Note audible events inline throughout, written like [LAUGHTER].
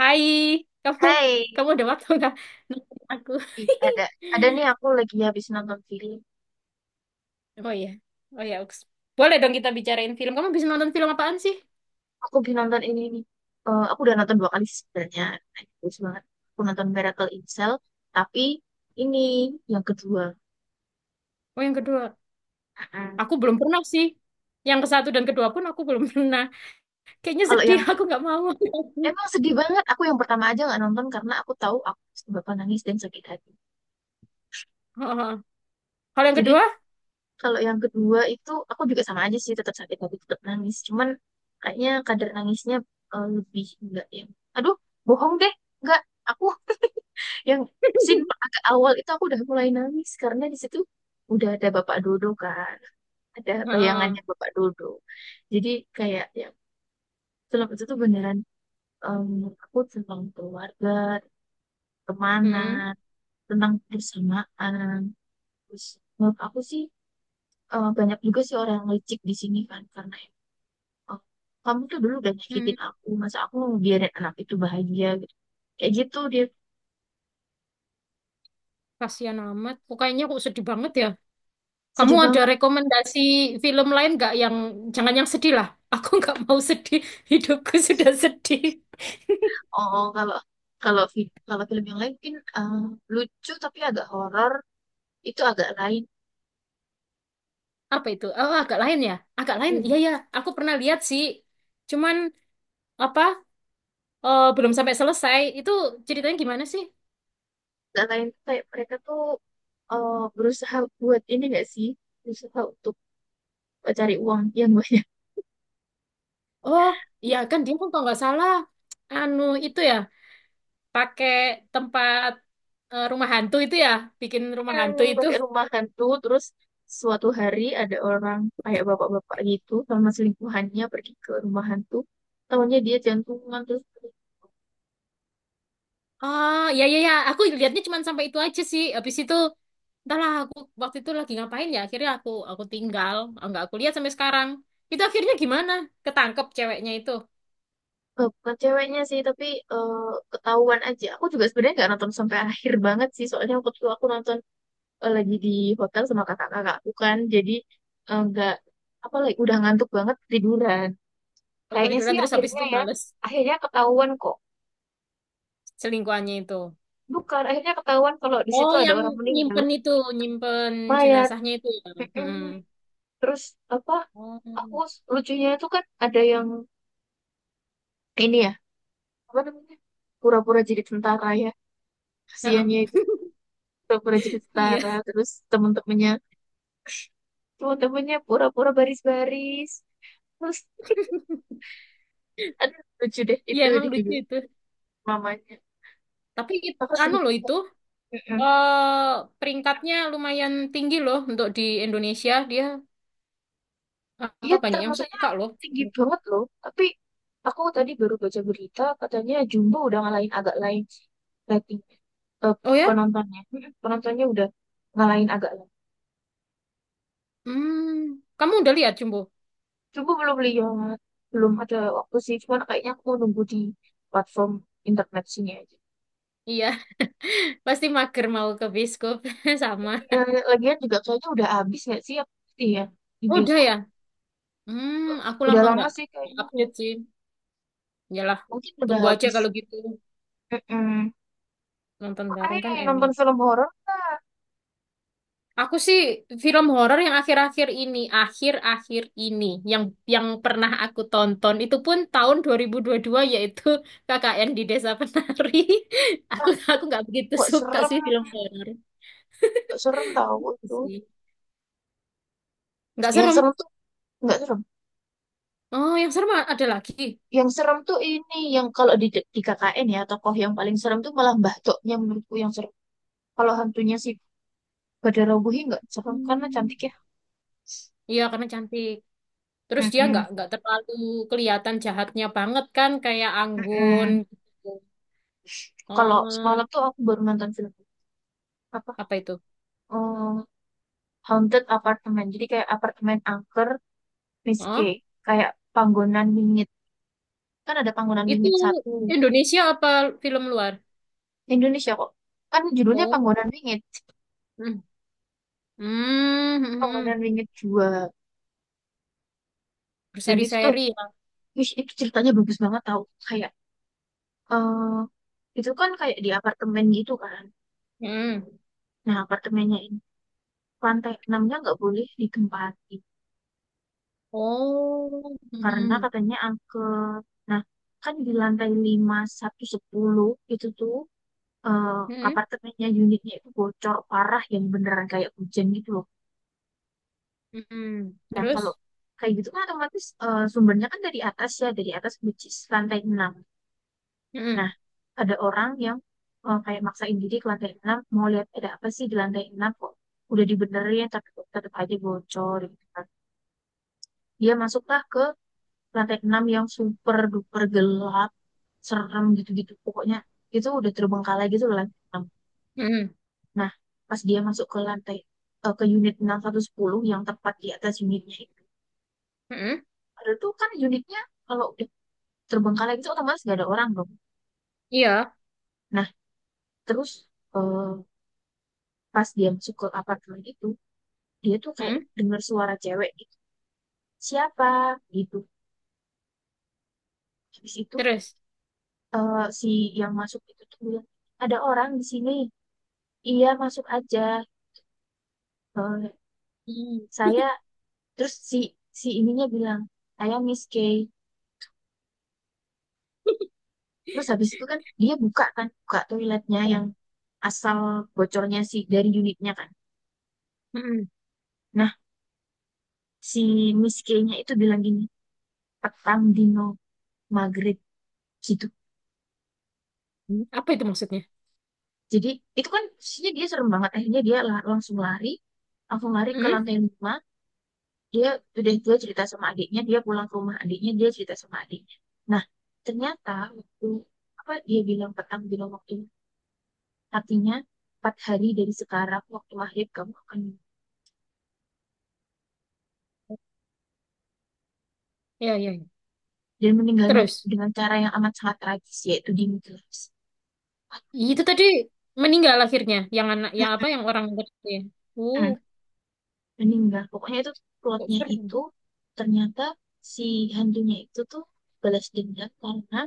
Hai, kamu Hai, kamu ada waktu nggak nonton aku? Ih, ada [LAUGHS] ada nih aku lagi habis nonton film. Oh iya, oh iya, Ux. Boleh dong kita bicarain film. Kamu bisa nonton film apaan sih? Aku habis nonton ini nih. Eh, aku udah nonton 2 kali sih sebenarnya. Nah, bagus banget. Aku nonton Miracle in Cell, tapi ini yang kedua. Oh yang kedua, Mm-mm. aku belum pernah sih. Yang ke satu dan kedua pun aku belum [LAUGHS] pernah. Kayaknya Kalau sedih, yang aku nggak mau. emang sedih banget. Aku yang pertama aja nggak nonton karena aku tahu aku pasti bakal nangis dan sakit hati. [LAUGHS] Heeh. Kalau yang Jadi kedua, kalau yang kedua itu aku juga sama aja sih, tetap sakit hati, tetap nangis. Cuman kayaknya kadar nangisnya lebih enggak yang. Aduh, bohong deh, enggak. Aku, yang scene [LAUGHS] agak awal itu, aku udah mulai nangis karena di situ udah ada Bapak Dodo, kan? Ada Heeh. bayangannya Bapak Dodo. Jadi kayak ya, film itu tuh beneran em, aku tentang keluarga, Mm-mm. pertemanan, tentang persamaan. Terus menurut aku sih banyak juga sih orang yang licik di sini, kan? Karena ya, oh, kamu tuh dulu udah nyakitin Mm. aku, masa aku mau biarin anak itu bahagia gitu. Kayak gitu dia. Kasihan amat. Kok kayaknya kok sedih banget ya. Kamu Sedih ada banget. rekomendasi film lain nggak yang jangan yang sedih lah. Aku nggak mau sedih. [LAUGHS] Hidupku sudah sedih. Oh, oh, kalau kalau film yang lain mungkin lucu tapi agak horor, itu agak lain. Apa itu? Oh, agak lain ya? Agak lain. Ini Iya ya, aku pernah lihat sih. Cuman apa? Belum sampai selesai. Itu ceritanya gimana sih? agak lain tuh kayak mereka tuh berusaha buat ini gak sih? Berusaha untuk cari uang yang banyak Oh, iya kan dia kan kalau nggak salah anu itu ya, pakai tempat, rumah hantu itu ya, bikin rumah hantu [LAUGHS] itu. pakai rumah hantu. Terus suatu hari ada orang kayak bapak-bapak gitu sama selingkuhannya pergi ke rumah hantu. Tahunya dia jantungan terus Oh, iya iya ya, aku lihatnya cuman sampai itu aja sih. Habis itu entahlah aku waktu itu lagi ngapain ya, akhirnya aku tinggal, nggak aku lihat sampai sekarang. Itu akhirnya gimana? Ketangkep ceweknya itu. Bukan ceweknya sih tapi eh, ketahuan aja. Aku juga sebenarnya nggak nonton sampai akhir banget sih soalnya waktu itu aku nonton lagi di hotel sama kakak kakak, bukan, jadi nggak apa, lagi udah ngantuk banget tiduran. Aku Kayaknya ketiduran sih terus habis akhirnya itu ya males. akhirnya ketahuan kok. Selingkuhannya itu. Bukan, akhirnya ketahuan kalau di Oh, situ ada yang orang meninggal, nyimpen itu, nyimpen mayat. jenazahnya itu ya. Mm-mm. Mm-mm. Terus apa, Oh. Lucunya itu kan ada yang ini ya, apa namanya, pura-pura jadi tentara ya kasihannya Heeh. itu, pura-pura jadi Iya, tentara terus temen-temennya, pura-pura baris-baris terus. [LAUGHS] Aduh lucu [LAUGHS] deh iya itu emang di lucu video itu. mamanya. Tapi Aku anu loh sedikit. itu, Mm-mm. eh peringkatnya lumayan tinggi loh untuk di Indonesia. Dia Dia apa banyak yang termasuknya suka loh. tinggi banget loh. Tapi aku tadi baru baca berita katanya Jumbo udah ngalahin agak lain rating eh, Oh ya? penontonnya. Mm-mm. Penontonnya udah ngalahin agak lain. Hmm, kamu udah lihat Jumbo? Jumbo belum lihat, belum ada waktu sih. Cuman kayaknya aku nunggu di platform internet sini aja. Iya, [LAUGHS] pasti mager mau ke bioskop [LAUGHS] sama. Ya, lagian juga kayaknya udah habis nggak sih ya pasti ya di Oh, udah bioskop. ya? Hmm, aku Udah lama lama nggak sih kayaknya ya. update sih. Yalah, Mungkin udah tunggu aja habis. kalau gitu. Mm-mm. Nonton Makanya bareng kan nonton enak. film horor lah. Aku sih film horor yang akhir-akhir ini yang yang pernah aku tonton itu pun tahun dua 2022 yaitu KKN di Desa Penari. [LAUGHS] Aku nggak begitu Nggak suka serem, sih film horor nggak serem tahu itu itu. sih. Nggak Yang serem. serem tuh nggak serem. Oh, yang serem ada lagi. Yang serem tuh ini, yang kalau di KKN ya tokoh yang paling serem tuh malah Mbah Toknya, menurutku yang serem. Kalau hantunya si Badara Wuhi nggak serem karena Hmm. cantik ya. Iya, karena cantik. Terus dia nggak Mm-mm, nggak terlalu kelihatan jahatnya banget kan kayak Anggun mm-mm. gitu. Kalau Oh, semalam tuh aku baru nonton film apa apa itu? eh, Haunted Apartment, jadi kayak apartemen angker, Miss Oh, K. Kayak panggonan wingit, kan ada panggonan itu wingit satu. Indonesia apa film luar? Indonesia kok, kan judulnya Oh. panggonan wingit. [LAUGHS] Hmm, hmm, Panggonan hmm. wingit dua. Dan itu tuh Berseri-seri ya. wih, itu ceritanya bagus banget tau. Kayak, eh itu kan kayak di apartemen gitu kan. Hmm. Nah, apartemennya ini, lantai enamnya nggak boleh ditempati. Oh. Karena Hmm, katanya angker. Nah, kan di lantai lima satu sepuluh itu tuh eh hmm, apartemennya, unitnya itu bocor parah yang beneran kayak hujan gitu loh. hmm, hmm. Nah, Terus? kalau kayak gitu kan otomatis sumbernya kan dari atas ya, dari atas which is lantai 6. Hmm, Nah, ada orang yang kayak maksain diri ke lantai 6 mau lihat ada apa sih di lantai 6 kok. Udah dibenerin tapi kok tetap aja bocor gitu kan. Dia masuklah ke lantai 6 yang super duper gelap, serem gitu-gitu. Pokoknya itu udah terbengkalai gitu loh, lantai enam. hmm, Nah, pas dia masuk ke unit enam satu sepuluh yang tepat di atas unitnya itu. hmm. Ada tuh kan unitnya, kalau udah terbengkalai gitu otomatis gak ada orang dong. Iya. Nah, terus eh, pas dia masuk ke apartemen itu dia tuh kayak Hmm. dengar suara cewek gitu. Siapa gitu. Habis itu Terus? Si yang masuk itu tuh bilang, ada orang di sini. Iya, masuk aja. Eh, Hmm. saya terus si si ininya bilang, saya Miss K. Terus habis itu kan dia buka kan, buka toiletnya Oh, yang asal bocornya si dari unitnya kan. hmm. Nah, si Miss K-nya itu bilang gini, petang dino maghrib gitu. Hmm. Apa itu maksudnya? Jadi itu kan posisinya dia serem banget. Akhirnya dia langsung lari ke Hmm. lantai lima. Dia udah dia cerita sama adiknya, dia pulang ke rumah adiknya, dia cerita sama adiknya, nah ternyata waktu, apa dia bilang petang, bilang waktu, artinya 4 hari dari sekarang waktu maghrib kamu akan. Ya, ya, ya. Dan meninggalnya tuh Terus? dengan cara yang amat sangat tragis yaitu dimutilasi. Itu tadi meninggal akhirnya. Yang anak, yang apa? [CLEARS THROAT] Yang orang tadi. Uh, mm meninggal pokoknya itu kok plotnya, serem. itu ternyata si hantunya itu tuh balas dendam karena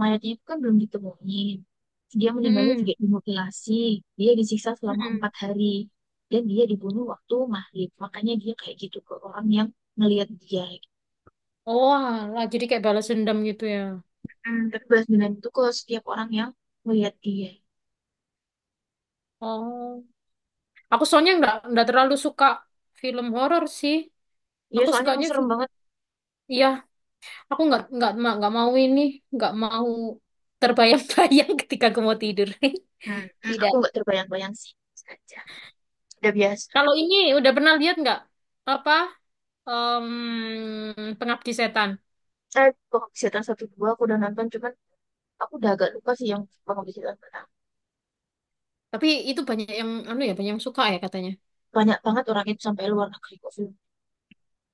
mayatnya itu kan belum ditemuin. Dia meninggalnya Hmm. juga dimutilasi. Dia disiksa selama Hmm. 4 hari. Dan dia dibunuh waktu maghrib. Makanya dia kayak gitu ke orang yang ngelihat dia. Oh, alah, jadi kayak balas dendam gitu ya. Hmm, tapi balas dendam itu ke setiap orang yang ngelihat dia. Oh. Aku soalnya nggak terlalu suka film horor sih. Iya, Aku soalnya sukanya emang serem banget. iya, aku nggak mau ini, nggak mau terbayang-bayang [LAUGHS] ketika aku mau tidur. Hmm, [LAUGHS] hmm, aku Tidak. nggak terbayang-bayang sih. Saja. Udah biasa. Kalau ini udah pernah lihat nggak apa Pengabdi Setan? Penghabisatan satu dua aku udah nonton. Cuman aku udah agak lupa sih yang penghabisatan pertama. Tapi itu banyak yang anu ya, banyak yang suka ya katanya. Banyak banget orang itu sampai luar negeri kok film.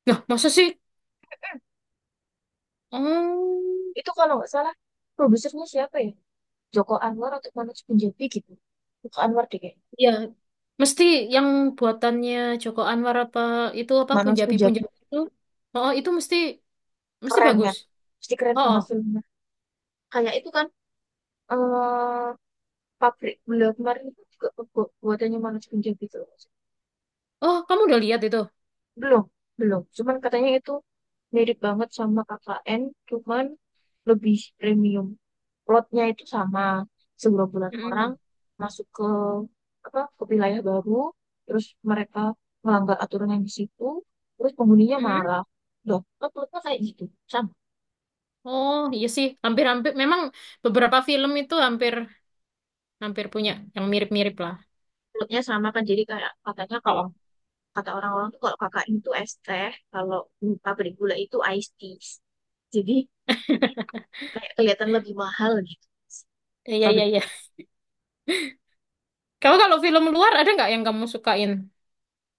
Nah, masa sih? Oh, Itu kalau nggak salah, produsernya siapa ya? Joko Anwar atau Manoj Punjabi gitu. Joko Anwar deh kayaknya. ya mesti yang buatannya Joko Anwar apa itu apa Manoj Punjabi Punjabi-Punjabi itu? Oh, itu mesti mesti keren bagus. kan? Pasti keren Oh, oh, banget filmnya. Kayak itu kan eh pabrik gula kemarin itu juga pembuatannya Manoj Punjabi tuh. oh, kamu udah lihat itu? Belum, belum. Cuman katanya itu mirip banget sama KKN, cuman lebih premium. Plotnya itu sama segerombolan orang Mm-mm. masuk ke apa, ke wilayah baru, terus mereka melanggar aturan yang di situ, terus penghuninya Mm-mm. marah. Loh, kan plotnya kayak gitu. Sama. Oh iya sih, hampir-hampir memang beberapa film itu hampir hampir punya yang mirip-mirip lah. Plotnya sama kan, jadi kayak katanya kalau Oh. kata orang-orang tuh kalau KKN itu es teh, kalau pabrik gula itu iced tea. Jadi [LAUGHS] kayak kelihatan lebih mahal gitu. Iya iya Pabrik iya. Kamu kalau film luar ada nggak yang kamu sukain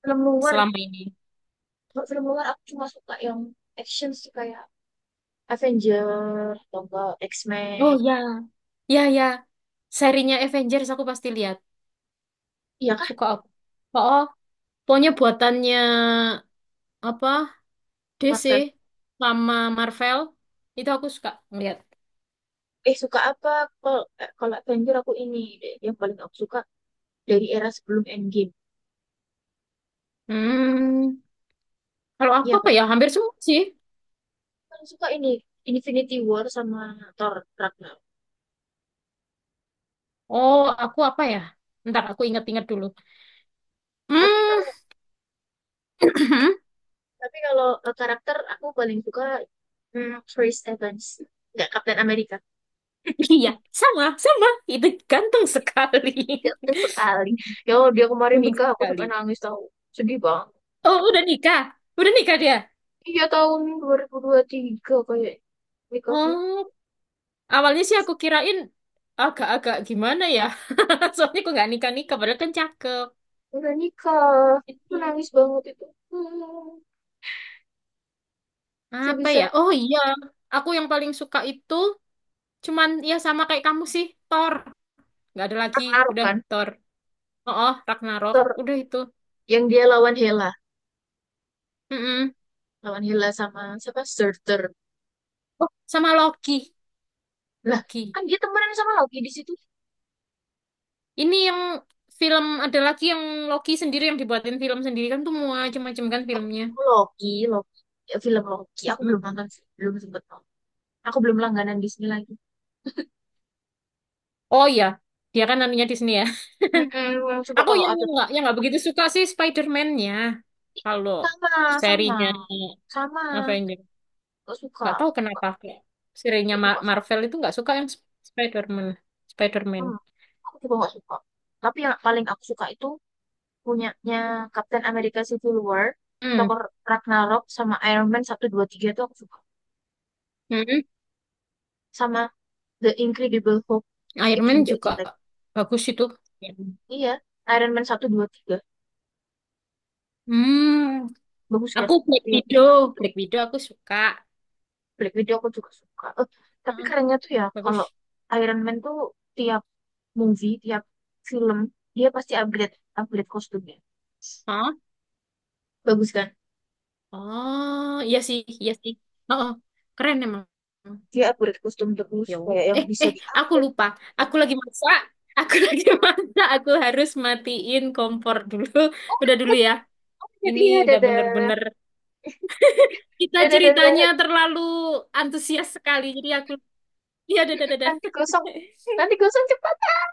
film luar selama ini? kalau film luar aku cuma suka yang action sih kayak Avenger atau enggak Oh X-Men, ya, ya ya. Serinya Avengers aku pasti lihat. iya kah, Suka aku. Oh, oh. Pokoknya buatannya apa? DC Marvel. sama Marvel itu aku suka ngeliat. Suka apa, kalau kalau Avenger aku ini deh yang paling aku suka dari era sebelum Endgame, Hmm, kalau aku iya apa kan. ya? Hampir semua sih. Aku paling suka ini Infinity War sama Thor Ragnarok. Oh, aku apa ya? Ntar aku inget-inget dulu. tapi Hmm, kalau [CLEARS THROAT] tapi kalau karakter aku paling suka, Chris Evans, nggak, Captain America. iya, sama, sama. Itu ganteng sekali. Ganteng [LAUGHS] sekali ya Allah, dia kemarin Ganteng nikah aku sekali. sampai nangis tahu, sedih banget. Oh, udah nikah? Udah nikah dia? Iya, tahun dua ribu tiga kayak nikahnya. Oh, awalnya sih aku kirain agak-agak gimana ya. [LAUGHS] Soalnya aku nggak nikah-nikah, padahal kan cakep. Udah nikah. Aku Itu. nangis banget itu. Hmm. Apa Bisa-bisa ya? Oh iya, aku yang paling suka itu cuman ya sama kayak kamu sih, Thor. Nggak ada lagi, naruh udah kan. Thor. Oh, oh, Ragnarok. Ter Udah itu. yang dia lawan Hela. Mm-mm. Lawan Hela sama siapa? Surtur. Oh, sama Loki. Lah, Loki. kan dia temenan sama Loki di situ. Ini yang film ada lagi yang Loki sendiri yang dibuatin film sendiri kan tuh macam-macam kan Oh, filmnya. Loki, Loki. Ya, film Loki. Aku Mm-mm. belum nonton sih. Belum sempet nonton. Aku belum langganan di sini lagi. Oh iya, dia kan anunya di sini ya. Mm-mm, [LAUGHS] coba Aku kalau yang ada. nggak yang nggak begitu suka sih Spider-Man-nya. Kalau Sama, sama. serinya Sama. Avenger, Gak suka. nggak tahu Gak, kenapa kayak serinya gak suka. Marvel itu nggak suka yang Spider-Man. Spider-Man. Hmm. Aku juga gak suka. Tapi yang paling aku suka itu punyanya Captain America Civil War, Hmm. Thor Ragnarok, sama Iron Man 1 2 3 itu aku suka. Mm-mm. Sama The Incredible Hulk Iron itu Man juga juga jelek. bagus itu. Iya, Iron Man 1 2 3 Hmm. bagus kan? Aku Black Iya, Widow, Black Widow aku suka. Black Widow aku juga suka. Tapi Mm-mm. kerennya tuh ya kalau Bagus. Iron Man tuh tiap movie, tiap film, dia pasti upgrade upgrade kostumnya. Bagus kan? Oh, iya sih, iya sih. Oh, oh. Keren emang. Dia upgrade kostum terus Ya kayak udah. yang Eh, bisa eh, di aku upgrade. lupa. Aku lagi masak. Aku [LAUGHS] lagi masak. Aku harus matiin kompor dulu. Oh [LAUGHS] Udah my dulu god, ya. oh my god, Ini iya udah dadah. bener-bener kita Dadah, dadah, ceritanya dadah. terlalu antusias sekali. Jadi aku, iya, dadah, dadah. Nanti gosong. Nanti [LAUGHS] gosong cepat.